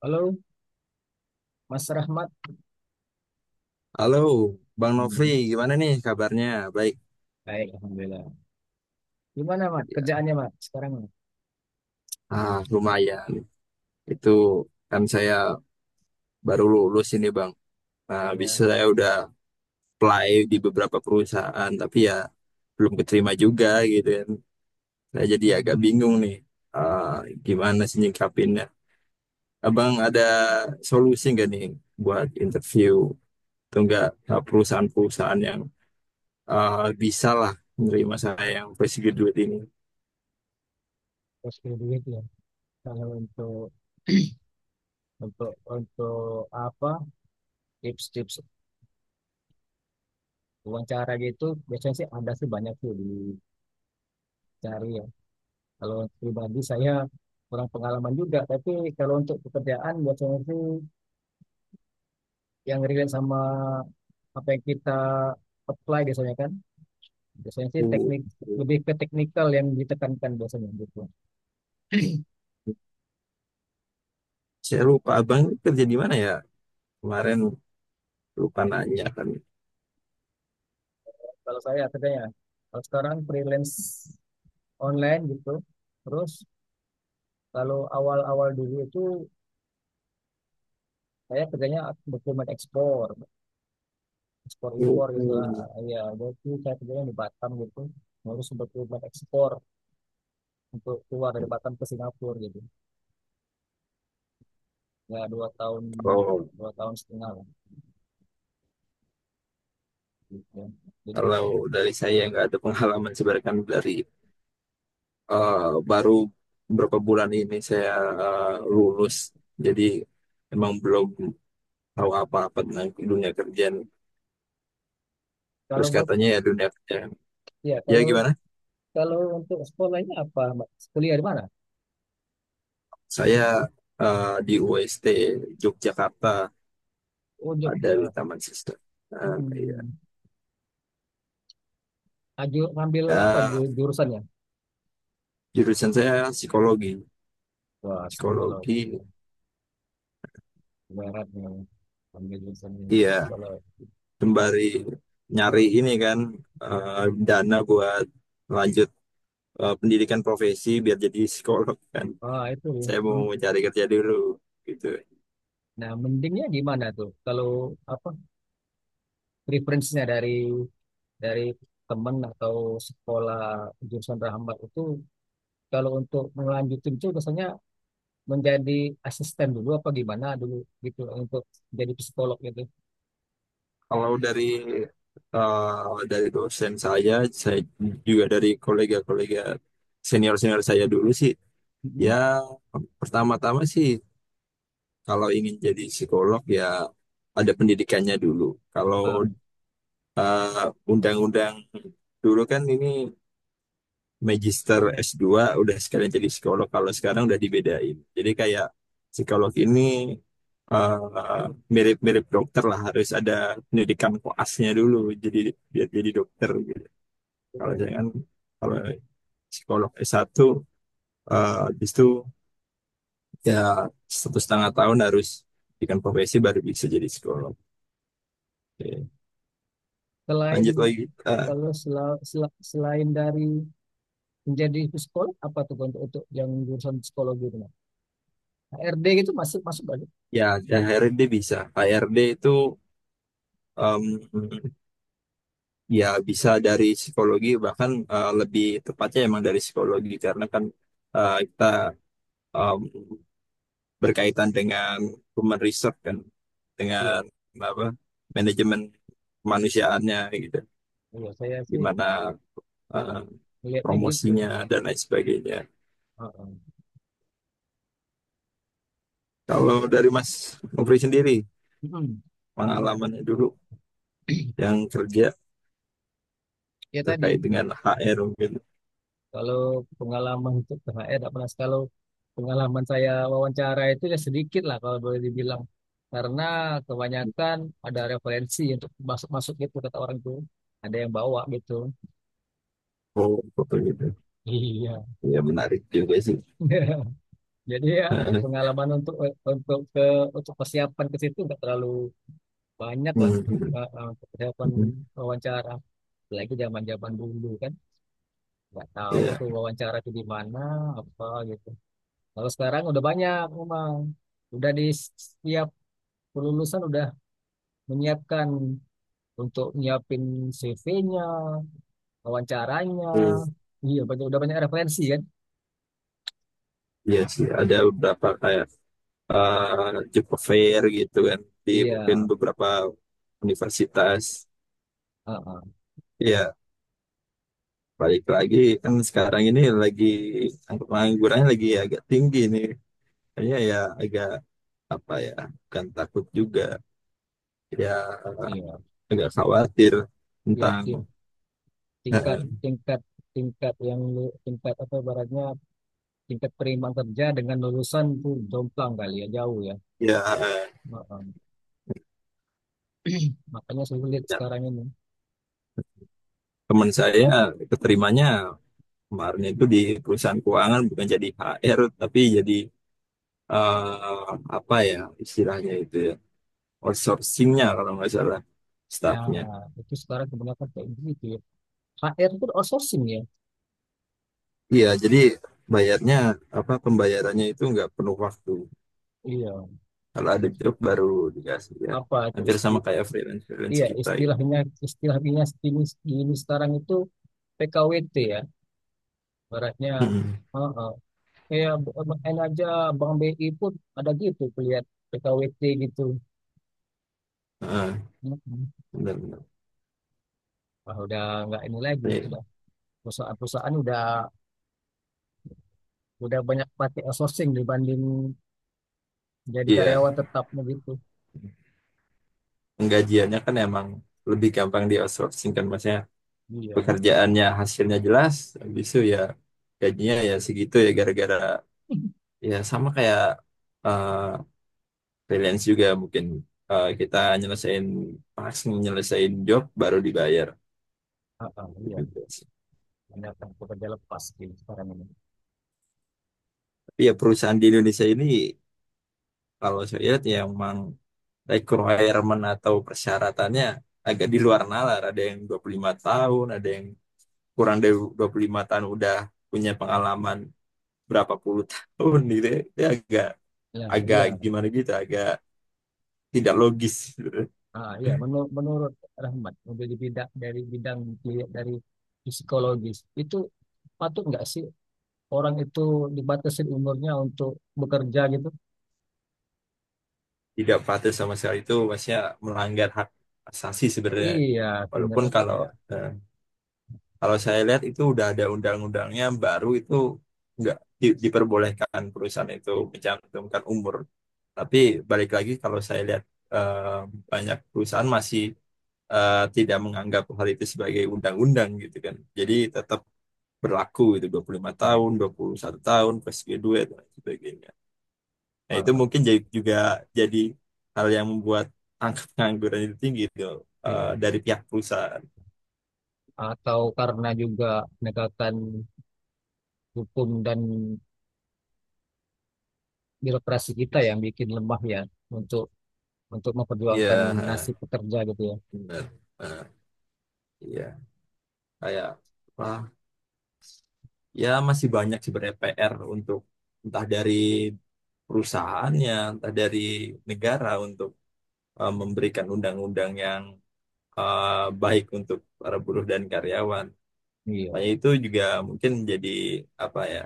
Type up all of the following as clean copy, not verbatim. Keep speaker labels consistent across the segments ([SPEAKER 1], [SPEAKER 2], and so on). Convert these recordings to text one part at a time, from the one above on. [SPEAKER 1] Halo, Mas Rahmat.
[SPEAKER 2] Halo, Bang Nofri,
[SPEAKER 1] Hmm.
[SPEAKER 2] gimana nih kabarnya? Baik,
[SPEAKER 1] Baik, Alhamdulillah. Gimana, Mat?
[SPEAKER 2] ya.
[SPEAKER 1] Kerjaannya, Mat, sekarang? Mat?
[SPEAKER 2] Ah, lumayan. Itu kan saya baru lulus ini, Bang. Nah, habis
[SPEAKER 1] Ya.
[SPEAKER 2] saya udah apply di beberapa perusahaan, tapi ya belum keterima juga gitu kan. Saya jadi agak
[SPEAKER 1] Hmm.
[SPEAKER 2] bingung nih, ah, gimana sih nyikapinnya. Abang
[SPEAKER 1] Hmm.
[SPEAKER 2] ada solusi nggak nih buat interview? Atau nggak perusahaan-perusahaan yang bisa lah menerima saya yang fresh graduate ini?
[SPEAKER 1] Terus punya duit ya. Kalau untuk apa tips-tips wawancara gitu biasanya sih ada sih banyak tuh dicari ya. Kalau untuk pribadi saya kurang pengalaman juga, tapi kalau untuk pekerjaan biasanya sih yang relate sama apa yang kita apply biasanya kan. Biasanya sih teknik
[SPEAKER 2] Uh.
[SPEAKER 1] lebih ke teknikal yang ditekankan biasanya gitu.
[SPEAKER 2] Saya lupa abang ini kerja di mana ya? Kemarin lupa nanya kan.
[SPEAKER 1] Kalau saya kerjanya, kalau sekarang freelance online gitu. Terus kalau awal-awal dulu itu saya kerjanya dokumen ekspor, ekspor impor gitu lah.
[SPEAKER 2] Mm.
[SPEAKER 1] Ya, jadi saya kerjanya di Batam gitu, ngurus dokumen ekspor untuk keluar dari Batam ke Singapura gitu. Ya dua tahun
[SPEAKER 2] Kalau
[SPEAKER 1] dua tahun setengah lah. Gitu, ya. Jadi,
[SPEAKER 2] kalau dari saya nggak ada pengalaman sebenarnya kan dari eh, baru beberapa bulan ini saya eh,
[SPEAKER 1] ya.
[SPEAKER 2] lulus. Jadi emang belum tahu apa-apa tentang dunia kerjaan.
[SPEAKER 1] Kalau
[SPEAKER 2] Terus
[SPEAKER 1] buat
[SPEAKER 2] katanya ya dunia kerjaan.
[SPEAKER 1] ya
[SPEAKER 2] Ya
[SPEAKER 1] kalau
[SPEAKER 2] gimana?
[SPEAKER 1] kalau untuk sekolahnya apa Mbak? Kuliah di mana?
[SPEAKER 2] Saya di UST Yogyakarta
[SPEAKER 1] Oh,
[SPEAKER 2] ada di
[SPEAKER 1] Jogja.
[SPEAKER 2] Taman Siswa. Iya.
[SPEAKER 1] Hmm. Aju, ngambil apa
[SPEAKER 2] Ya,
[SPEAKER 1] jurusannya?
[SPEAKER 2] jurusan saya psikologi.
[SPEAKER 1] Wah, psikologi.
[SPEAKER 2] Psikologi.
[SPEAKER 1] Berat nih. Ambil jurusan yang
[SPEAKER 2] Iya,
[SPEAKER 1] psikolog.
[SPEAKER 2] sembari nyari
[SPEAKER 1] Ah,
[SPEAKER 2] ini kan dana buat lanjut pendidikan profesi biar jadi psikolog kan.
[SPEAKER 1] itu.
[SPEAKER 2] Saya mau
[SPEAKER 1] Men-
[SPEAKER 2] cari kerja dulu gitu.
[SPEAKER 1] Nah, mendingnya gimana tuh? Kalau apa preferensinya dari teman atau sekolah jurusan Rahmat itu kalau untuk melanjutin itu biasanya menjadi asisten dulu apa gimana dulu gitu untuk jadi psikolog gitu.
[SPEAKER 2] Kalau dari dosen saya juga dari kolega-kolega senior-senior saya dulu sih,
[SPEAKER 1] Mhm.
[SPEAKER 2] ya pertama-tama sih kalau ingin jadi psikolog ya ada pendidikannya dulu. Kalau
[SPEAKER 1] Ah,
[SPEAKER 2] undang-undang dulu kan ini magister S2 udah sekalian jadi psikolog, kalau sekarang udah dibedain. Jadi kayak psikolog ini eh, mirip-mirip dokter lah, harus ada pendidikan koasnya dulu jadi biar jadi dokter gitu. Kalau
[SPEAKER 1] Terus
[SPEAKER 2] jangan kalau psikolog S1 habis itu ya 1,5 tahun harus pendidikan profesi baru bisa jadi psikolog. Oke,
[SPEAKER 1] selain
[SPEAKER 2] lanjut lagi. Eh,
[SPEAKER 1] kalau selain dari menjadi psikolog apa tuh untuk yang jurusan psikologi itu? HRD gitu masuk masuk banyak.
[SPEAKER 2] Ya akhirnya dia bisa HRD itu. um, Ya, bisa dari psikologi, bahkan lebih tepatnya emang dari psikologi, karena kan kita em, berkaitan dengan human research kan,
[SPEAKER 1] Iya,
[SPEAKER 2] dengan apa manajemen kemanusiaannya gitu,
[SPEAKER 1] iya saya sih,
[SPEAKER 2] gimana
[SPEAKER 1] heeh,
[SPEAKER 2] eh,
[SPEAKER 1] melihatnya gitu.
[SPEAKER 2] promosinya dan lain sebagainya.
[SPEAKER 1] Heeh.
[SPEAKER 2] Kalau
[SPEAKER 1] Itu-
[SPEAKER 2] dari Mas Nofri sendiri,
[SPEAKER 1] mm, Gimana?
[SPEAKER 2] pengalamannya dulu yang kerja
[SPEAKER 1] Ya
[SPEAKER 2] terkait
[SPEAKER 1] tadi
[SPEAKER 2] dengan HR mungkin,
[SPEAKER 1] kalau pengalaman untuk THR tidak pernah. Kalau pengalaman saya wawancara itu ya sedikit lah kalau boleh dibilang. Karena kebanyakan ada referensi untuk masuk-masuk gitu kata orang tuh. Ada yang bawa gitu.
[SPEAKER 2] oh, betul gitu.
[SPEAKER 1] Iya.
[SPEAKER 2] Ya, menarik juga sih.
[SPEAKER 1] Jadi ya pengalaman untuk ke untuk persiapan ke situ nggak terlalu banyak lah.
[SPEAKER 2] Hmm, hmm,
[SPEAKER 1] Persiapan
[SPEAKER 2] hmm.
[SPEAKER 1] wawancara apalagi zaman zaman dulu kan nggak tahu tuh
[SPEAKER 2] Iya.
[SPEAKER 1] wawancara itu di mana apa gitu. Kalau sekarang udah banyak memang, udah di setiap kelulusan udah menyiapkan untuk nyiapin CV-nya, wawancaranya,
[SPEAKER 2] Hmm.
[SPEAKER 1] iya banyak udah banyak referensi kan.
[SPEAKER 2] Iya sih, ada beberapa kayak Jepang Fair gitu kan di
[SPEAKER 1] Iya,
[SPEAKER 2] mungkin beberapa universitas.
[SPEAKER 1] ah, ah,
[SPEAKER 2] Iya, balik lagi, kan sekarang ini lagi angka penganggurannya lagi agak tinggi nih. Kayaknya ya agak apa ya, bukan takut juga, ya
[SPEAKER 1] iya,
[SPEAKER 2] agak khawatir
[SPEAKER 1] iya,
[SPEAKER 2] tentang
[SPEAKER 1] ting- tingkat tingkat tingkat yang tingkat apa ibaratnya tingkat penerimaan kerja dengan lulusan tuh jomplang kali ya jauh ya.
[SPEAKER 2] ya,
[SPEAKER 1] Heeh. Makanya sulit
[SPEAKER 2] ya,
[SPEAKER 1] sekarang ini,
[SPEAKER 2] teman saya keterimanya kemarin itu di perusahaan keuangan bukan jadi HR tapi jadi apa ya istilahnya itu ya, outsourcingnya kalau nggak salah, staffnya.
[SPEAKER 1] nah itu sekarang kebanyakan kayak begitu ya. HR itu outsourcing ya.
[SPEAKER 2] Iya, jadi bayarnya, apa, pembayarannya itu nggak penuh waktu.
[SPEAKER 1] Iya.
[SPEAKER 2] Kalau ada
[SPEAKER 1] Jadi
[SPEAKER 2] job baru dikasih ya.
[SPEAKER 1] apa itu
[SPEAKER 2] Hampir
[SPEAKER 1] isti
[SPEAKER 2] sama kayak freelance freelance
[SPEAKER 1] iya
[SPEAKER 2] kita gitu.
[SPEAKER 1] istilahnya istilahnya ini, ini sekarang itu PKWT ya. Baratnya,
[SPEAKER 2] Mm-mm.
[SPEAKER 1] heeh. Kayak BUMN aja, Bank BI pun ada gitu lihat PKWT gitu.
[SPEAKER 2] Ah,
[SPEAKER 1] Heeh.
[SPEAKER 2] benar-benar.
[SPEAKER 1] Wah, udah nggak ini lagi,
[SPEAKER 2] Iya,
[SPEAKER 1] udah perusahaan-perusahaan udah banyak pakai outsourcing dibanding jadi
[SPEAKER 2] iya.
[SPEAKER 1] karyawan tetapnya gitu.
[SPEAKER 2] Penggajiannya kan emang lebih gampang di outsourcing kan, maksudnya
[SPEAKER 1] Iya,
[SPEAKER 2] pekerjaannya hasilnya jelas, habis itu ya gajinya ya segitu ya, gara-gara ya sama kayak eh, freelance juga mungkin, kita nyelesain pas nyelesain job baru dibayar.
[SPEAKER 1] heeh,
[SPEAKER 2] Gitu
[SPEAKER 1] iya.
[SPEAKER 2] juga sih.
[SPEAKER 1] Menyiapkan pekerja lepas di sekarang ini.
[SPEAKER 2] Tapi ya perusahaan di Indonesia ini kalau saya lihat ya emang requirement atau persyaratannya agak di luar nalar. Ada yang 25 tahun, ada yang kurang dari 25 tahun udah punya pengalaman berapa puluh tahun gitu, ya. Itu agak
[SPEAKER 1] Ya,
[SPEAKER 2] agak
[SPEAKER 1] iya.
[SPEAKER 2] gimana gitu, agak tidak logis gitu.
[SPEAKER 1] Iya. Menurut Rahmat, menjadi bidang dari psikologis itu patut nggak sih orang itu dibatasi umurnya untuk bekerja gitu?
[SPEAKER 2] Tidak patuh sama sekali, itu maksudnya melanggar hak asasi sebenarnya.
[SPEAKER 1] Iya,
[SPEAKER 2] Walaupun
[SPEAKER 1] sebenarnya kok bisa.
[SPEAKER 2] eh, kalau saya lihat itu udah ada undang-undangnya baru, itu nggak diperbolehkan perusahaan itu mencantumkan umur. Tapi balik lagi kalau saya lihat eh, banyak perusahaan masih tidak menganggap hal itu sebagai undang-undang gitu kan. Jadi tetap berlaku itu 25 tahun, 21 tahun, plus graduate dan sebagainya. Nah, itu
[SPEAKER 1] Ah,
[SPEAKER 2] mungkin juga jadi hal yang membuat angka pengangguran itu tinggi, itu
[SPEAKER 1] iya.
[SPEAKER 2] dari pihak perusahaan.
[SPEAKER 1] Atau karena juga penegakan hukum dan birokrasi kita yang bikin lemah ya untuk untuk
[SPEAKER 2] Iya,
[SPEAKER 1] memperjuangkan nasib
[SPEAKER 2] ha,
[SPEAKER 1] pekerja gitu ya.
[SPEAKER 2] benar. Ha, iya, kayak apa? Ya masih banyak sebenarnya PR untuk entah dari perusahaannya, entah dari negara untuk memberikan undang-undang yang eh, baik untuk para buruh dan karyawan.
[SPEAKER 1] Iya,
[SPEAKER 2] Makanya itu juga mungkin jadi apa ya,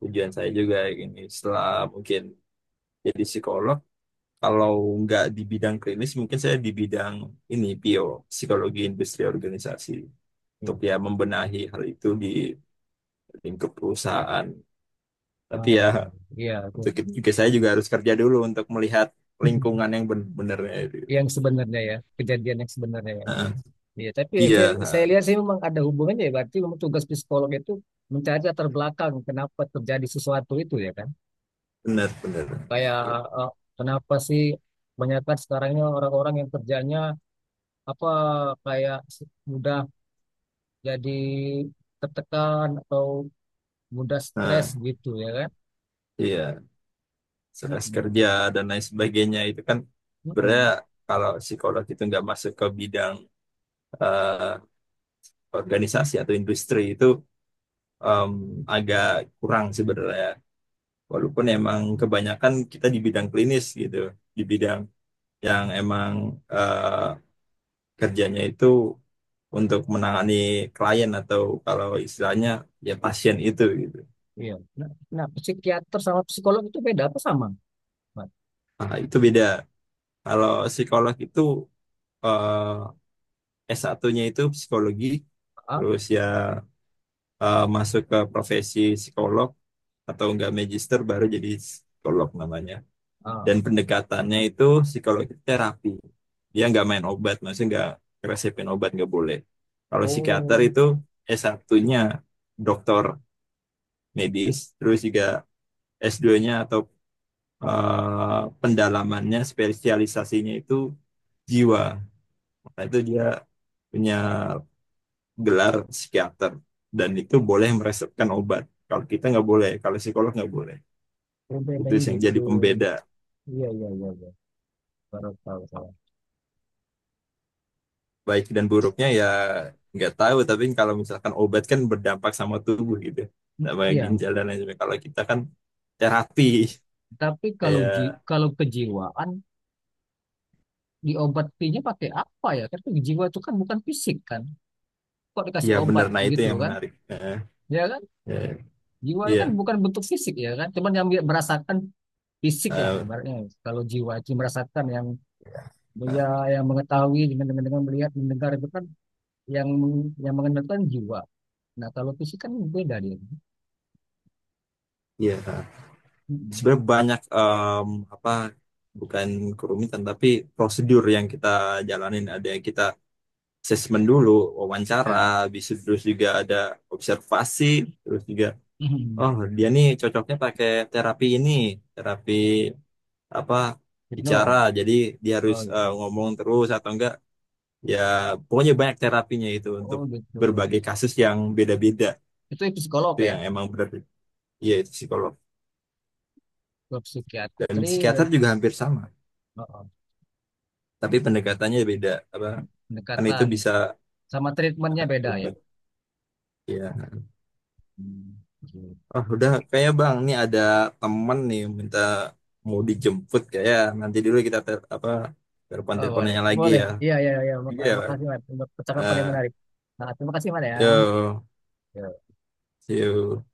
[SPEAKER 2] tujuan saya juga ini setelah mungkin jadi psikolog. Kalau nggak di bidang klinis, mungkin saya di bidang ini, PO, psikologi industri organisasi. Untuk
[SPEAKER 1] iya.
[SPEAKER 2] ya membenahi hal itu di lingkup perusahaan. Tapi ya,
[SPEAKER 1] Ah, iya, itu.
[SPEAKER 2] untuk itu juga saya juga harus kerja dulu untuk melihat lingkungan yang benar-benarnya itu.
[SPEAKER 1] Yang sebenarnya, ya kejadian yang sebenarnya, ya.
[SPEAKER 2] Nah,
[SPEAKER 1] Iya, tapi
[SPEAKER 2] iya,
[SPEAKER 1] saya lihat sih memang ada hubungannya, ya berarti memang tugas psikolog itu mencari latar belakang kenapa terjadi sesuatu itu, ya kan.
[SPEAKER 2] benar-benar.
[SPEAKER 1] Kayak eh, kenapa sih kebanyakan sekarang ini orang-orang yang kerjanya apa kayak mudah jadi tertekan atau mudah stres
[SPEAKER 2] Nah,
[SPEAKER 1] gitu ya kan.
[SPEAKER 2] iya, stres
[SPEAKER 1] Mm-mm,
[SPEAKER 2] kerja dan lain sebagainya itu kan sebenarnya
[SPEAKER 1] mm-mm.
[SPEAKER 2] kalau psikolog itu nggak masuk ke bidang eh, organisasi atau industri itu em, agak kurang sebenarnya. Walaupun emang kebanyakan kita di bidang klinis gitu, di bidang yang emang eh, kerjanya itu untuk menangani klien atau kalau istilahnya ya pasien itu gitu.
[SPEAKER 1] Iya, nah, nah, psikiater sama psikolog itu beda apa sama, Mat?
[SPEAKER 2] Nah, itu beda. Kalau psikolog itu eh, S1-nya itu psikologi,
[SPEAKER 1] Ah,
[SPEAKER 2] terus ya masuk ke profesi psikolog atau enggak magister baru jadi psikolog namanya.
[SPEAKER 1] ah.
[SPEAKER 2] Dan pendekatannya itu psikologi terapi, dia nggak main obat, maksudnya nggak resepin obat nggak boleh. Kalau psikiater
[SPEAKER 1] Oh,
[SPEAKER 2] itu S1-nya dokter medis, terus juga S2-nya atau pendalamannya spesialisasinya itu jiwa. Nah, itu dia punya gelar psikiater dan itu boleh meresepkan obat, kalau kita nggak boleh, kalau psikolog nggak boleh. Itu
[SPEAKER 1] perbedaannya
[SPEAKER 2] yang jadi
[SPEAKER 1] gitu.
[SPEAKER 2] pembeda.
[SPEAKER 1] Iya, iya, iya, iya. Baru tahu saya.
[SPEAKER 2] Baik dan buruknya ya nggak tahu, tapi kalau misalkan obat kan berdampak sama tubuh gitu, sama
[SPEAKER 1] Iya,
[SPEAKER 2] ginjal dan lain sebagainya, kalau kita kan terapi,
[SPEAKER 1] tapi kalau
[SPEAKER 2] kayak
[SPEAKER 1] kalau kejiwaan diobatinya pakai apa ya? Kan jiwa itu kan bukan fisik kan. Kok dikasih
[SPEAKER 2] ya benar.
[SPEAKER 1] obat
[SPEAKER 2] Nah, itu
[SPEAKER 1] gitu
[SPEAKER 2] yang
[SPEAKER 1] kan?
[SPEAKER 2] menarik.
[SPEAKER 1] Ya kan?
[SPEAKER 2] Eh,
[SPEAKER 1] Jiwa itu
[SPEAKER 2] iya.
[SPEAKER 1] kan bukan bentuk fisik ya kan? Cuman yang dia merasakan fisik lah
[SPEAKER 2] eh,
[SPEAKER 1] ibaratnya. Kalau jiwa itu merasakan yang ya,
[SPEAKER 2] eh,
[SPEAKER 1] yang mengetahui dengan melihat mendengar itu kan yang mengenalkan jiwa. Nah, kalau fisik kan beda dia.
[SPEAKER 2] iya. Yeah.
[SPEAKER 1] Mm-mm.
[SPEAKER 2] Sebenarnya banyak apa, bukan kerumitan tapi prosedur yang kita jalanin, ada yang kita assessment dulu, wawancara
[SPEAKER 1] Nah,
[SPEAKER 2] bisa, terus juga ada observasi, terus juga oh dia nih cocoknya pakai terapi ini, terapi apa, bicara,
[SPEAKER 1] Hypno.
[SPEAKER 2] jadi dia harus
[SPEAKER 1] Oh gitu.
[SPEAKER 2] ngomong terus atau enggak, ya pokoknya banyak terapinya itu untuk
[SPEAKER 1] Oh gitu.
[SPEAKER 2] berbagai kasus yang beda-beda.
[SPEAKER 1] Itu psikolog
[SPEAKER 2] Itu
[SPEAKER 1] ya,
[SPEAKER 2] yang emang benar, iya itu psikolog,
[SPEAKER 1] ke
[SPEAKER 2] dan
[SPEAKER 1] psikiatri,
[SPEAKER 2] psikiater
[SPEAKER 1] web,
[SPEAKER 2] juga hampir sama
[SPEAKER 1] oh, oh.
[SPEAKER 2] tapi pendekatannya beda, apa kan itu
[SPEAKER 1] Pendekatan
[SPEAKER 2] bisa
[SPEAKER 1] sama treatmentnya beda ya.
[SPEAKER 2] obat ya.
[SPEAKER 1] Hmm, gitu.
[SPEAKER 2] Oh, udah, kayak bang nih ada temen nih minta mau dijemput, kayak nanti dulu kita apa telepon
[SPEAKER 1] Oh boleh,
[SPEAKER 2] teleponannya lagi
[SPEAKER 1] boleh.
[SPEAKER 2] ya,
[SPEAKER 1] Iya, iya, iya.
[SPEAKER 2] iya Bang.
[SPEAKER 1] Makasih Mat untuk percakapan
[SPEAKER 2] Eh,
[SPEAKER 1] yang menarik. Nah, terima kasih Mat ya.
[SPEAKER 2] Yo, see you.